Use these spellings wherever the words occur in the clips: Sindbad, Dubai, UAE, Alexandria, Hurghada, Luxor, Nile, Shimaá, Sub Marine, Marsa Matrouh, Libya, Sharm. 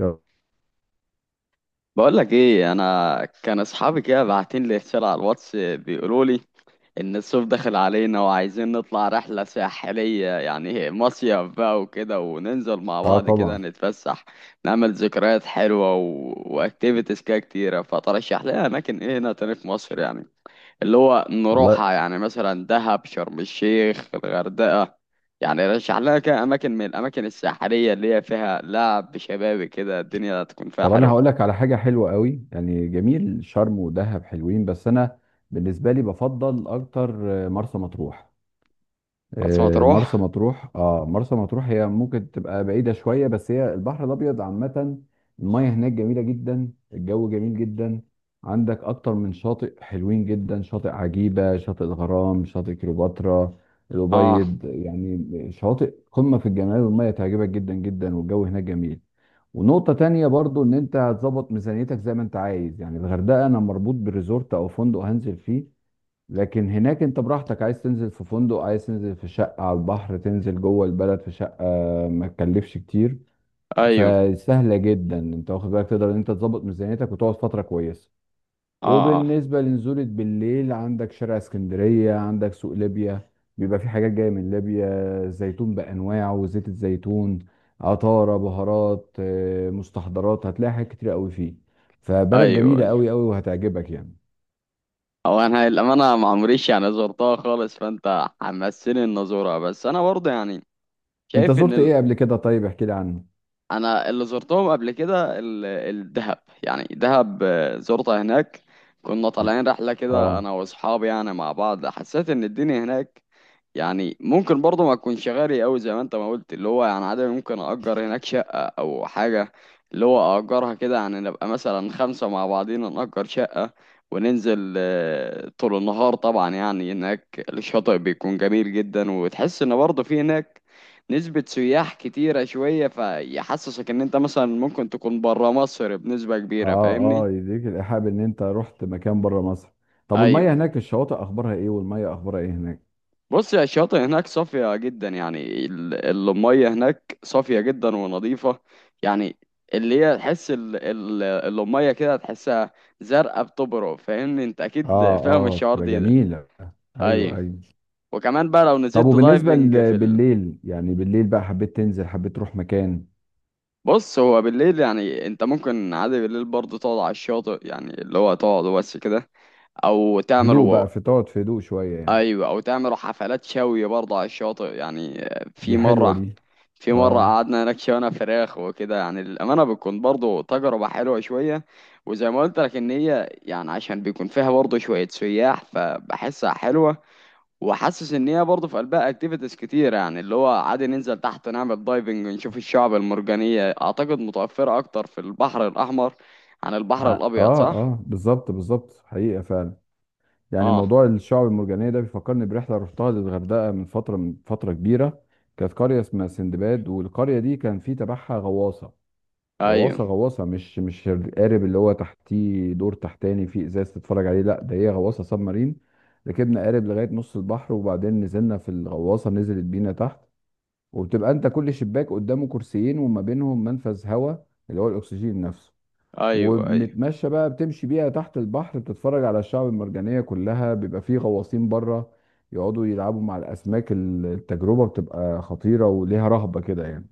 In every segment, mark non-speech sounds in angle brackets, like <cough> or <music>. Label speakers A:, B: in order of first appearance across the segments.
A: اه.
B: بقولك ايه، انا كان اصحابي كده باعتين لي رساله على الواتس بيقولوا لي ان الصيف داخل علينا وعايزين نطلع رحله ساحليه، يعني مصيف بقى وكده، وننزل مع بعض كده
A: طبعا.
B: نتفسح، نعمل ذكريات حلوه و... واكتيفيتيز كده كتيره. فترشح لنا اماكن ايه هنا تاني في مصر، يعني اللي هو
A: والله.
B: نروحها، يعني مثلا دهب، شرم الشيخ، الغردقه. يعني رشح لنا كده اماكن من الاماكن الساحليه اللي هي فيها لعب شبابي كده الدنيا تكون فيها
A: طب انا هقول
B: حلوه.
A: لك على حاجه حلوه قوي، يعني جميل، شرم ودهب حلوين بس انا بالنسبه لي بفضل اكتر مرسى مطروح.
B: مرسى مطروح.
A: مرسى مطروح هي ممكن تبقى بعيده شويه بس هي البحر الابيض عامه. الميه هناك جميله جدا، الجو جميل جدا. عندك اكتر من شاطئ حلوين جدا، شاطئ عجيبه، شاطئ الغرام، شاطئ كليوباترا
B: اه.
A: الابيض، يعني شواطئ قمه في الجمال والميه تعجبك جدا جدا والجو هناك جميل. ونقطة تانية برضو ان انت هتظبط ميزانيتك زي ما انت عايز، يعني الغردقة انا مربوط بالريزورت او فندق هنزل فيه، لكن هناك انت براحتك، عايز تنزل في فندق، عايز تنزل في شقة على البحر، تنزل جوه البلد في شقة ما تكلفش كتير.
B: ايوه.
A: فسهلة جدا انت واخد بالك، تقدر ان انت تظبط ميزانيتك وتقعد فترة كويسة.
B: اه اه.
A: وبالنسبة لنزولة بالليل، عندك شارع اسكندرية، عندك سوق ليبيا، بيبقى في حاجات جاية من ليبيا، زيتون بأنواعه وزيت الزيتون، عطارة، بهارات، مستحضرات، هتلاقي حاجات كتير قوي فيه. فبلد
B: ايوه
A: جميلة
B: ايوه.
A: قوي قوي وهتعجبك يعني.
B: هو انا الامانه ما عمريش يعني زرتها خالص، فانت حمسني ان ازورها، بس انا برضه يعني
A: انت
B: شايف
A: زرت
B: ان
A: ايه قبل كده؟ طيب احكي لي عنه.
B: انا اللي زرتهم قبل كده الدهب، يعني دهب، زرتها هناك. كنا طالعين رحله كده انا
A: اه.
B: واصحابي يعني مع بعض، حسيت ان الدنيا هناك يعني ممكن برضه ما تكونش غالي قوي زي ما انت ما قلت، اللي هو يعني عادي ممكن اجر هناك شقه او حاجه، اللي هو اجرها كده يعني نبقى مثلا خمسه مع بعضينا نأجر شقه وننزل طول النهار. طبعا يعني هناك الشاطئ بيكون جميل جدا، وتحس ان برضه في هناك نسبة سياح كتيرة شوية، فيحسسك ان انت مثلا ممكن تكون برا مصر بنسبة كبيرة.
A: اه. اه،
B: فاهمني؟
A: يديك الإيحاء ان انت رحت مكان بره مصر. طب
B: ايوه.
A: والمية هناك الشواطئ اخبارها ايه والمية اخبارها ايه هناك؟
B: بص يا، الشاطئ هناك صافية جدا، يعني المية هناك صافية جدا ونظيفة، يعني اللي هي تحس المية كده تحسها زرقاء بتبرق. فاهمني؟ انت اكيد
A: اه
B: فاهم
A: اه،
B: الشعور
A: بتبقى
B: ده.
A: جميلة.
B: ايوه.
A: ايوه ايوه.
B: وكمان بقى لو
A: طب
B: نزلت
A: وبالنسبة
B: دايفنج
A: بالليل، يعني بالليل بقى حبيت تنزل، حبيت تروح مكان.
B: بص هو بالليل يعني انت ممكن عادي بالليل برضه تقعد على الشاطئ، يعني اللي هو تقعد بس كده او
A: هدوء
B: تعملوا.
A: بقى، في تقعد في هدوء شوية يعني.
B: ايوه، او تعملوا حفلات شوي برضه على الشاطئ يعني. في
A: دي حلوة
B: مره
A: دي.
B: في مره
A: اه.
B: قعدنا هناك شوينا فراخ وكده، يعني الامانه بتكون برضه تجربه حلوه شويه. وزي ما قلت لك ان هي يعني عشان بيكون فيها برضه شويه سياح، فبحسها حلوه. وحاسس ان هي برضه في قلبها اكتيفيتيز كتير، يعني اللي هو عادي ننزل تحت نعمل دايفنج ونشوف الشعب المرجانيه، اعتقد متوفره اكتر في البحر الاحمر عن البحر
A: اه
B: الابيض، صح.
A: اه، بالظبط بالظبط، حقيقة فعلا. يعني
B: اه.
A: موضوع الشعب المرجانية ده بيفكرني برحلة رحتها للغردقة من فترة، من فترة كبيرة. كانت قرية اسمها سندباد، والقرية دي كان في تبعها غواصة.
B: ايوه
A: غواصة، مش القارب اللي هو تحتيه دور تحتاني فيه ازاز تتفرج عليه، لا ده هي غواصة سب مارين. ركبنا قارب لغاية نص البحر وبعدين نزلنا في الغواصة، نزلت بينا تحت. وبتبقى انت كل شباك قدامه كرسيين وما بينهم منفذ هواء اللي هو الاكسجين نفسه.
B: ايوه ايوه.
A: وبنتمشى بقى، بتمشي بيها تحت البحر بتتفرج على الشعب المرجانية كلها، بيبقى فيه غواصين بره يقعدوا يلعبوا مع الاسماك. التجربة بتبقى خطيرة وليها رهبة كده يعني.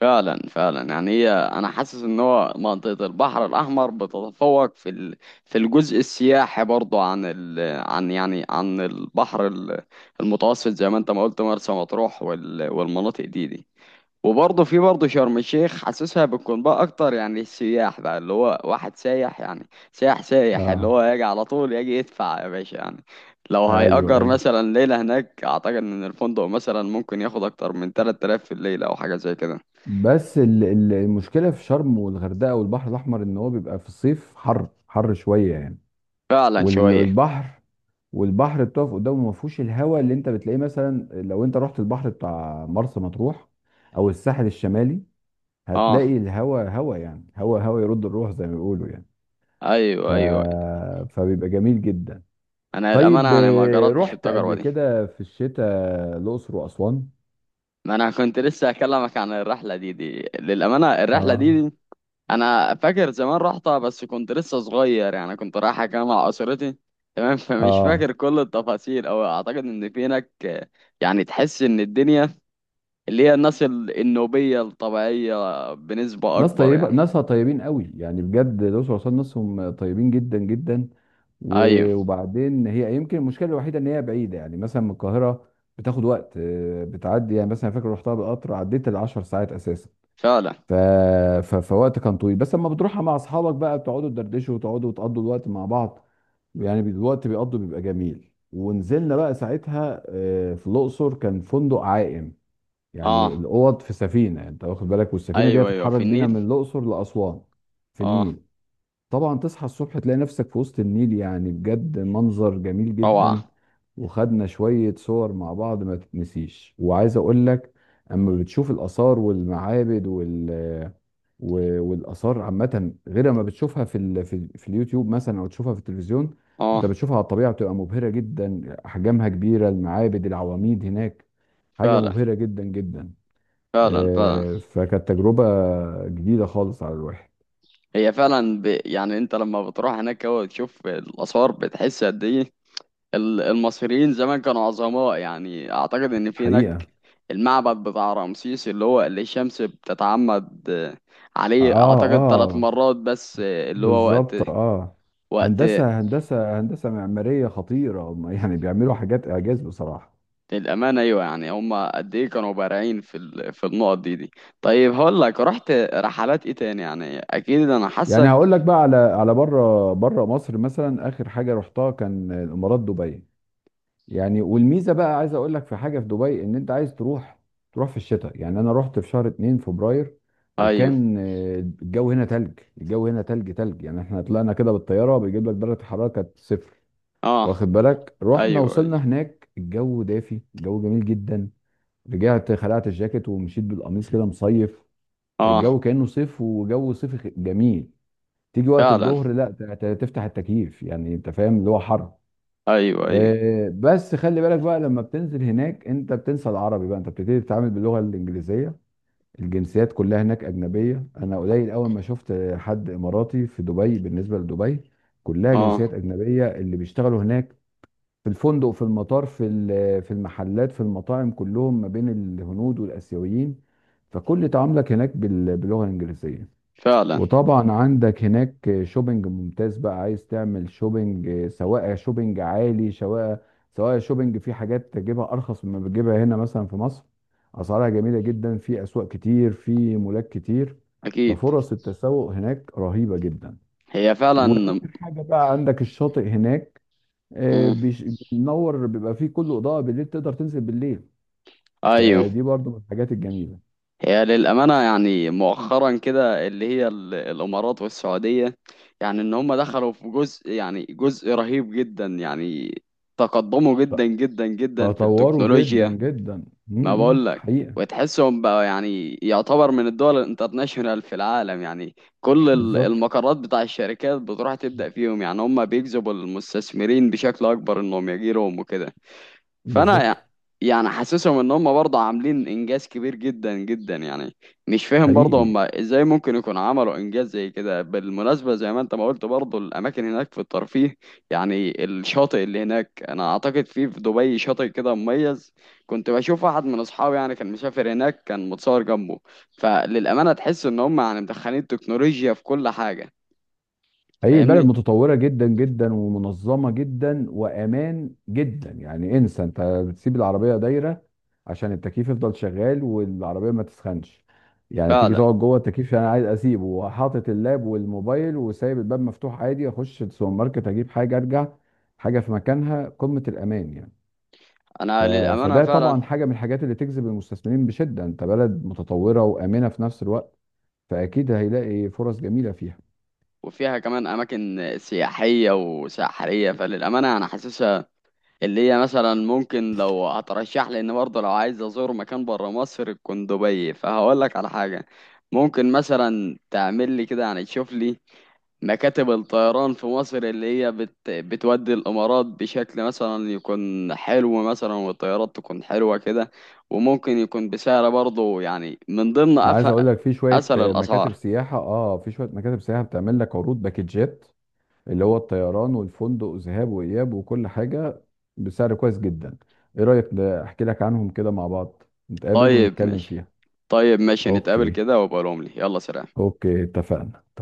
B: فعلا فعلا، يعني هي انا حاسس ان هو منطقة البحر الاحمر بتتفوق في الجزء السياحي برضو، عن يعني عن البحر المتوسط، زي ما انت ما قلت مرسى مطروح وال... والمناطق دي دي. وبرضه في برضه شرم الشيخ حاسسها بتكون بقى اكتر، يعني السياح بقى اللي هو واحد سايح يعني سايح سايح اللي
A: اه.
B: هو يجي على طول يجي، يدفع يا باشا يعني. لو
A: ايوه
B: هيأجر
A: ايوه.
B: مثلا ليلة هناك، اعتقد ان الفندق مثلا ممكن ياخد اكتر من 3000 في الليلة او حاجة زي كده.
A: بس المشكله في شرم والغردقه والبحر الاحمر ان هو بيبقى في الصيف حر حر شويه يعني.
B: فعلا
A: وال-
B: شوية.
A: والبحر والبحر بتقف قدامه ما فيهوش الهواء اللي انت بتلاقيه مثلا لو انت رحت البحر بتاع مرسى مطروح او الساحل الشمالي. هتلاقي
B: اه.
A: الهواء هواء، يعني هواء هواء يرد الروح زي ما بيقولوا يعني. ف...
B: ايوه ايوه.
A: فبيبقى جميل جدا.
B: انا للامانه
A: طيب
B: يعني ما جربتش
A: رحت
B: التجربه
A: قبل
B: دي.
A: كده في الشتاء الاقصر واسوان.
B: ما انا كنت لسه هكلمك عن الرحله دي، دي للامانه الرحله دي,
A: اه
B: دي انا فاكر زمان رحتها، بس كنت لسه صغير، يعني كنت رايحه كده مع اسرتي. تمام <laughs> فمش
A: اه.
B: فاكر كل التفاصيل، او اعتقد ان في هناك، يعني تحس ان الدنيا اللي هي الناس النوبيه الطبيعيه بنسبه
A: ناس
B: اكبر
A: طيبة،
B: يعني.
A: ناسها طيبين قوي يعني بجد، الأقصر وأسوان ناسهم طيبين جدا جدا.
B: ايوه.
A: وبعدين هي يمكن المشكلة الوحيدة إن هي بعيدة يعني مثلا من القاهرة، بتاخد وقت، بتعدي يعني مثلا، فاكر رحتها بالقطر عديت العشر ساعات أساسا.
B: فعلا.
A: ف... فوقت كان طويل، بس لما بتروحها مع أصحابك بقى بتقعدوا تدردشوا وتقعدوا وتقضوا الوقت مع بعض يعني. الوقت بيقضوا بيبقى جميل. ونزلنا بقى ساعتها في الأقصر، كان فندق عائم، يعني
B: اه.
A: الاوض في سفينه، يعني انت واخد بالك، والسفينه دي
B: ايوه ايوه في
A: هتتحرك بينا من
B: النيل.
A: الاقصر لاسوان في
B: اه.
A: النيل. طبعا تصحى الصبح تلاقي نفسك في وسط النيل، يعني بجد منظر جميل
B: روعه.
A: جدا. وخدنا شويه صور مع بعض ما تتنسيش. وعايز اقول لك، اما بتشوف الاثار والمعابد والاثار عامه، غير ما بتشوفها في اليوتيوب مثلا او تشوفها في التلفزيون، انت
B: اه.
A: بتشوفها على الطبيعه بتبقى مبهره جدا، احجامها كبيره، المعابد، العواميد هناك حاجه
B: فعلا
A: مبهره جدا جدا.
B: فعلا فعلا.
A: فكانت تجربة جديدة خالص على الواحد.
B: هي فعلا يعني انت لما بتروح هناك هو تشوف الاثار، بتحس قد ايه المصريين زمان كانوا عظماء يعني. اعتقد ان في
A: حقيقة.
B: هناك المعبد بتاع رمسيس اللي هو اللي الشمس بتتعمد عليه
A: اه
B: اعتقد ثلاث
A: اه،
B: مرات بس، اللي هو وقت.
A: بالظبط اه.
B: وقت
A: هندسة معمارية خطيرة هم <laughs> يعني بيعملوا حاجات إعجاز بصراحة.
B: الامانه ايوه، يعني هم قد ايه كانوا بارعين في النقط دي دي. طيب هقول لك رحت رحلات ايه تاني، يعني اكيد انا
A: يعني
B: حاسك.
A: هقول لك بقى على بره مصر مثلا، آخر حاجة رحتها كان الإمارات، دبي. يعني والميزه بقى عايز اقول لك في حاجه في دبي، ان انت عايز تروح، تروح في الشتاء، يعني انا رحت في شهر 2 فبراير.
B: ايوه.
A: وكان الجو هنا تلج، الجو هنا تلج يعني احنا طلعنا كده بالطياره بيجيب لك درجه الحراره كانت صفر.
B: اه.
A: واخد بالك؟ رحنا
B: ايوه
A: وصلنا
B: ايوه.
A: هناك، الجو دافي، الجو جميل جدا. رجعت خلعت الجاكيت ومشيت بالقميص كده، مصيف.
B: اه.
A: الجو كانه صيف وجو صيفي جميل. تيجي وقت
B: فعلا.
A: الظهر لا تفتح التكييف، يعني انت فاهم اللي هو حر.
B: ايوه ايوه.
A: بس خلي بالك بقى لما بتنزل هناك، انت بتنسى العربي بقى، انت بتبتدي تتعامل باللغه الانجليزيه. الجنسيات كلها هناك اجنبيه، انا قليل اول ما شفت حد اماراتي في دبي. بالنسبه لدبي، كلها
B: اه.
A: جنسيات اجنبيه اللي بيشتغلوا هناك، في الفندق، في المطار، في المحلات، في المطاعم، كلهم ما بين الهنود والاسيويين. فكل تعاملك هناك باللغه الانجليزيه.
B: فعلا.
A: وطبعا عندك هناك شوبينج ممتاز، بقى عايز تعمل شوبينج، سواء شوبينج عالي، سواء شوبينج في حاجات تجيبها ارخص مما بتجيبها هنا مثلا في مصر. اسعارها جميله جدا، في اسواق كتير، في مولات كتير.
B: اكيد.
A: ففرص التسوق هناك رهيبه جدا.
B: هي
A: واهم
B: فعلا.
A: حاجه بقى عندك الشاطئ هناك آه،
B: مم.
A: بيش- بينور، بيبقى فيه كله اضاءه بالليل، تقدر تنزل بالليل.
B: ايوه.
A: فدي برضو من الحاجات الجميله.
B: هي للامانه يعني مؤخرا كده اللي هي الامارات والسعوديه، يعني ان هم دخلوا في جزء، يعني جزء رهيب جدا، يعني تقدموا
A: ت-
B: جدا جدا جدا في
A: تطوروا جدا
B: التكنولوجيا.
A: جدا م-
B: ما
A: م،
B: بقول لك.
A: حقيقه.
B: وتحسهم بقى يعني يعتبر من الدول الانترناشونال في العالم، يعني كل
A: بالظبط
B: المقرات بتاع الشركات بتروح تبدأ فيهم، يعني هم بيجذبوا المستثمرين بشكل اكبر انهم يجي لهم وكده. فانا
A: بالظبط.
B: يعني حاسسهم ان هم برضه عاملين انجاز كبير جدا جدا يعني. مش فاهم برضه
A: حقيقي
B: هم ازاي ممكن يكون عملوا انجاز زي كده، بالمناسبه زي ما انت ما قلت برضه الاماكن هناك في الترفيه، يعني الشاطئ اللي هناك، انا اعتقد في في دبي شاطئ كده مميز. كنت بشوف واحد من اصحابي يعني كان مسافر هناك كان متصور جنبه، فللامانه تحس ان هم يعني مدخلين تكنولوجيا في كل حاجه.
A: حقيقي، البلد
B: فاهمني.
A: متطورة جدا جدا ومنظمة جدا وأمان جدا، يعني انسى، انت بتسيب العربية دايرة عشان التكييف يفضل شغال والعربية ما تسخنش، يعني تيجي
B: فعلا.
A: تقعد جوه التكييف، انا عايز اسيبه وحاطط اللاب والموبايل وسايب الباب مفتوح عادي، اخش السوبر ماركت اجيب حاجة ارجع، حاجة في مكانها، قمة الأمان يعني. ف...
B: انا للامانه
A: فده طبعا
B: فعلا.
A: حاجة من الحاجات اللي تجذب المستثمرين بشدة، انت بلد متطورة وآمنة في نفس الوقت، فأكيد هيلاقي فرص جميلة فيها.
B: وفيها كمان أماكن سياحية وساحرية، فللأمانة أنا حاسسها اللي هي مثلا ممكن، لو هترشح لي إن برضه لو عايز أزور مكان برا مصر تكون دبي، فهقول لك على حاجة ممكن مثلا تعمل لي كده، يعني تشوف لي مكاتب الطيران في مصر اللي هي بتودي الإمارات بشكل مثلا يكون حلو، مثلا والطيارات تكون حلوة كده، وممكن يكون بسعر برضه، يعني من ضمن
A: انا عايز اقول لك في شويه
B: أسهل
A: مكاتب
B: الأسعار.
A: سياحه، اه، في شويه مكاتب سياحه بتعمل لك عروض باكجات، اللي هو الطيران والفندق وذهاب واياب وكل حاجه، بسعر كويس جدا. ايه رايك ده؟ احكي لك عنهم كده مع بعض، نتقابل
B: طيب
A: ونتكلم
B: ماشي.
A: فيها.
B: طيب ماشي، نتقابل
A: اوكي.
B: كده وابقى لهم لي، يلا سلام.
A: اوكي، اتفقنا.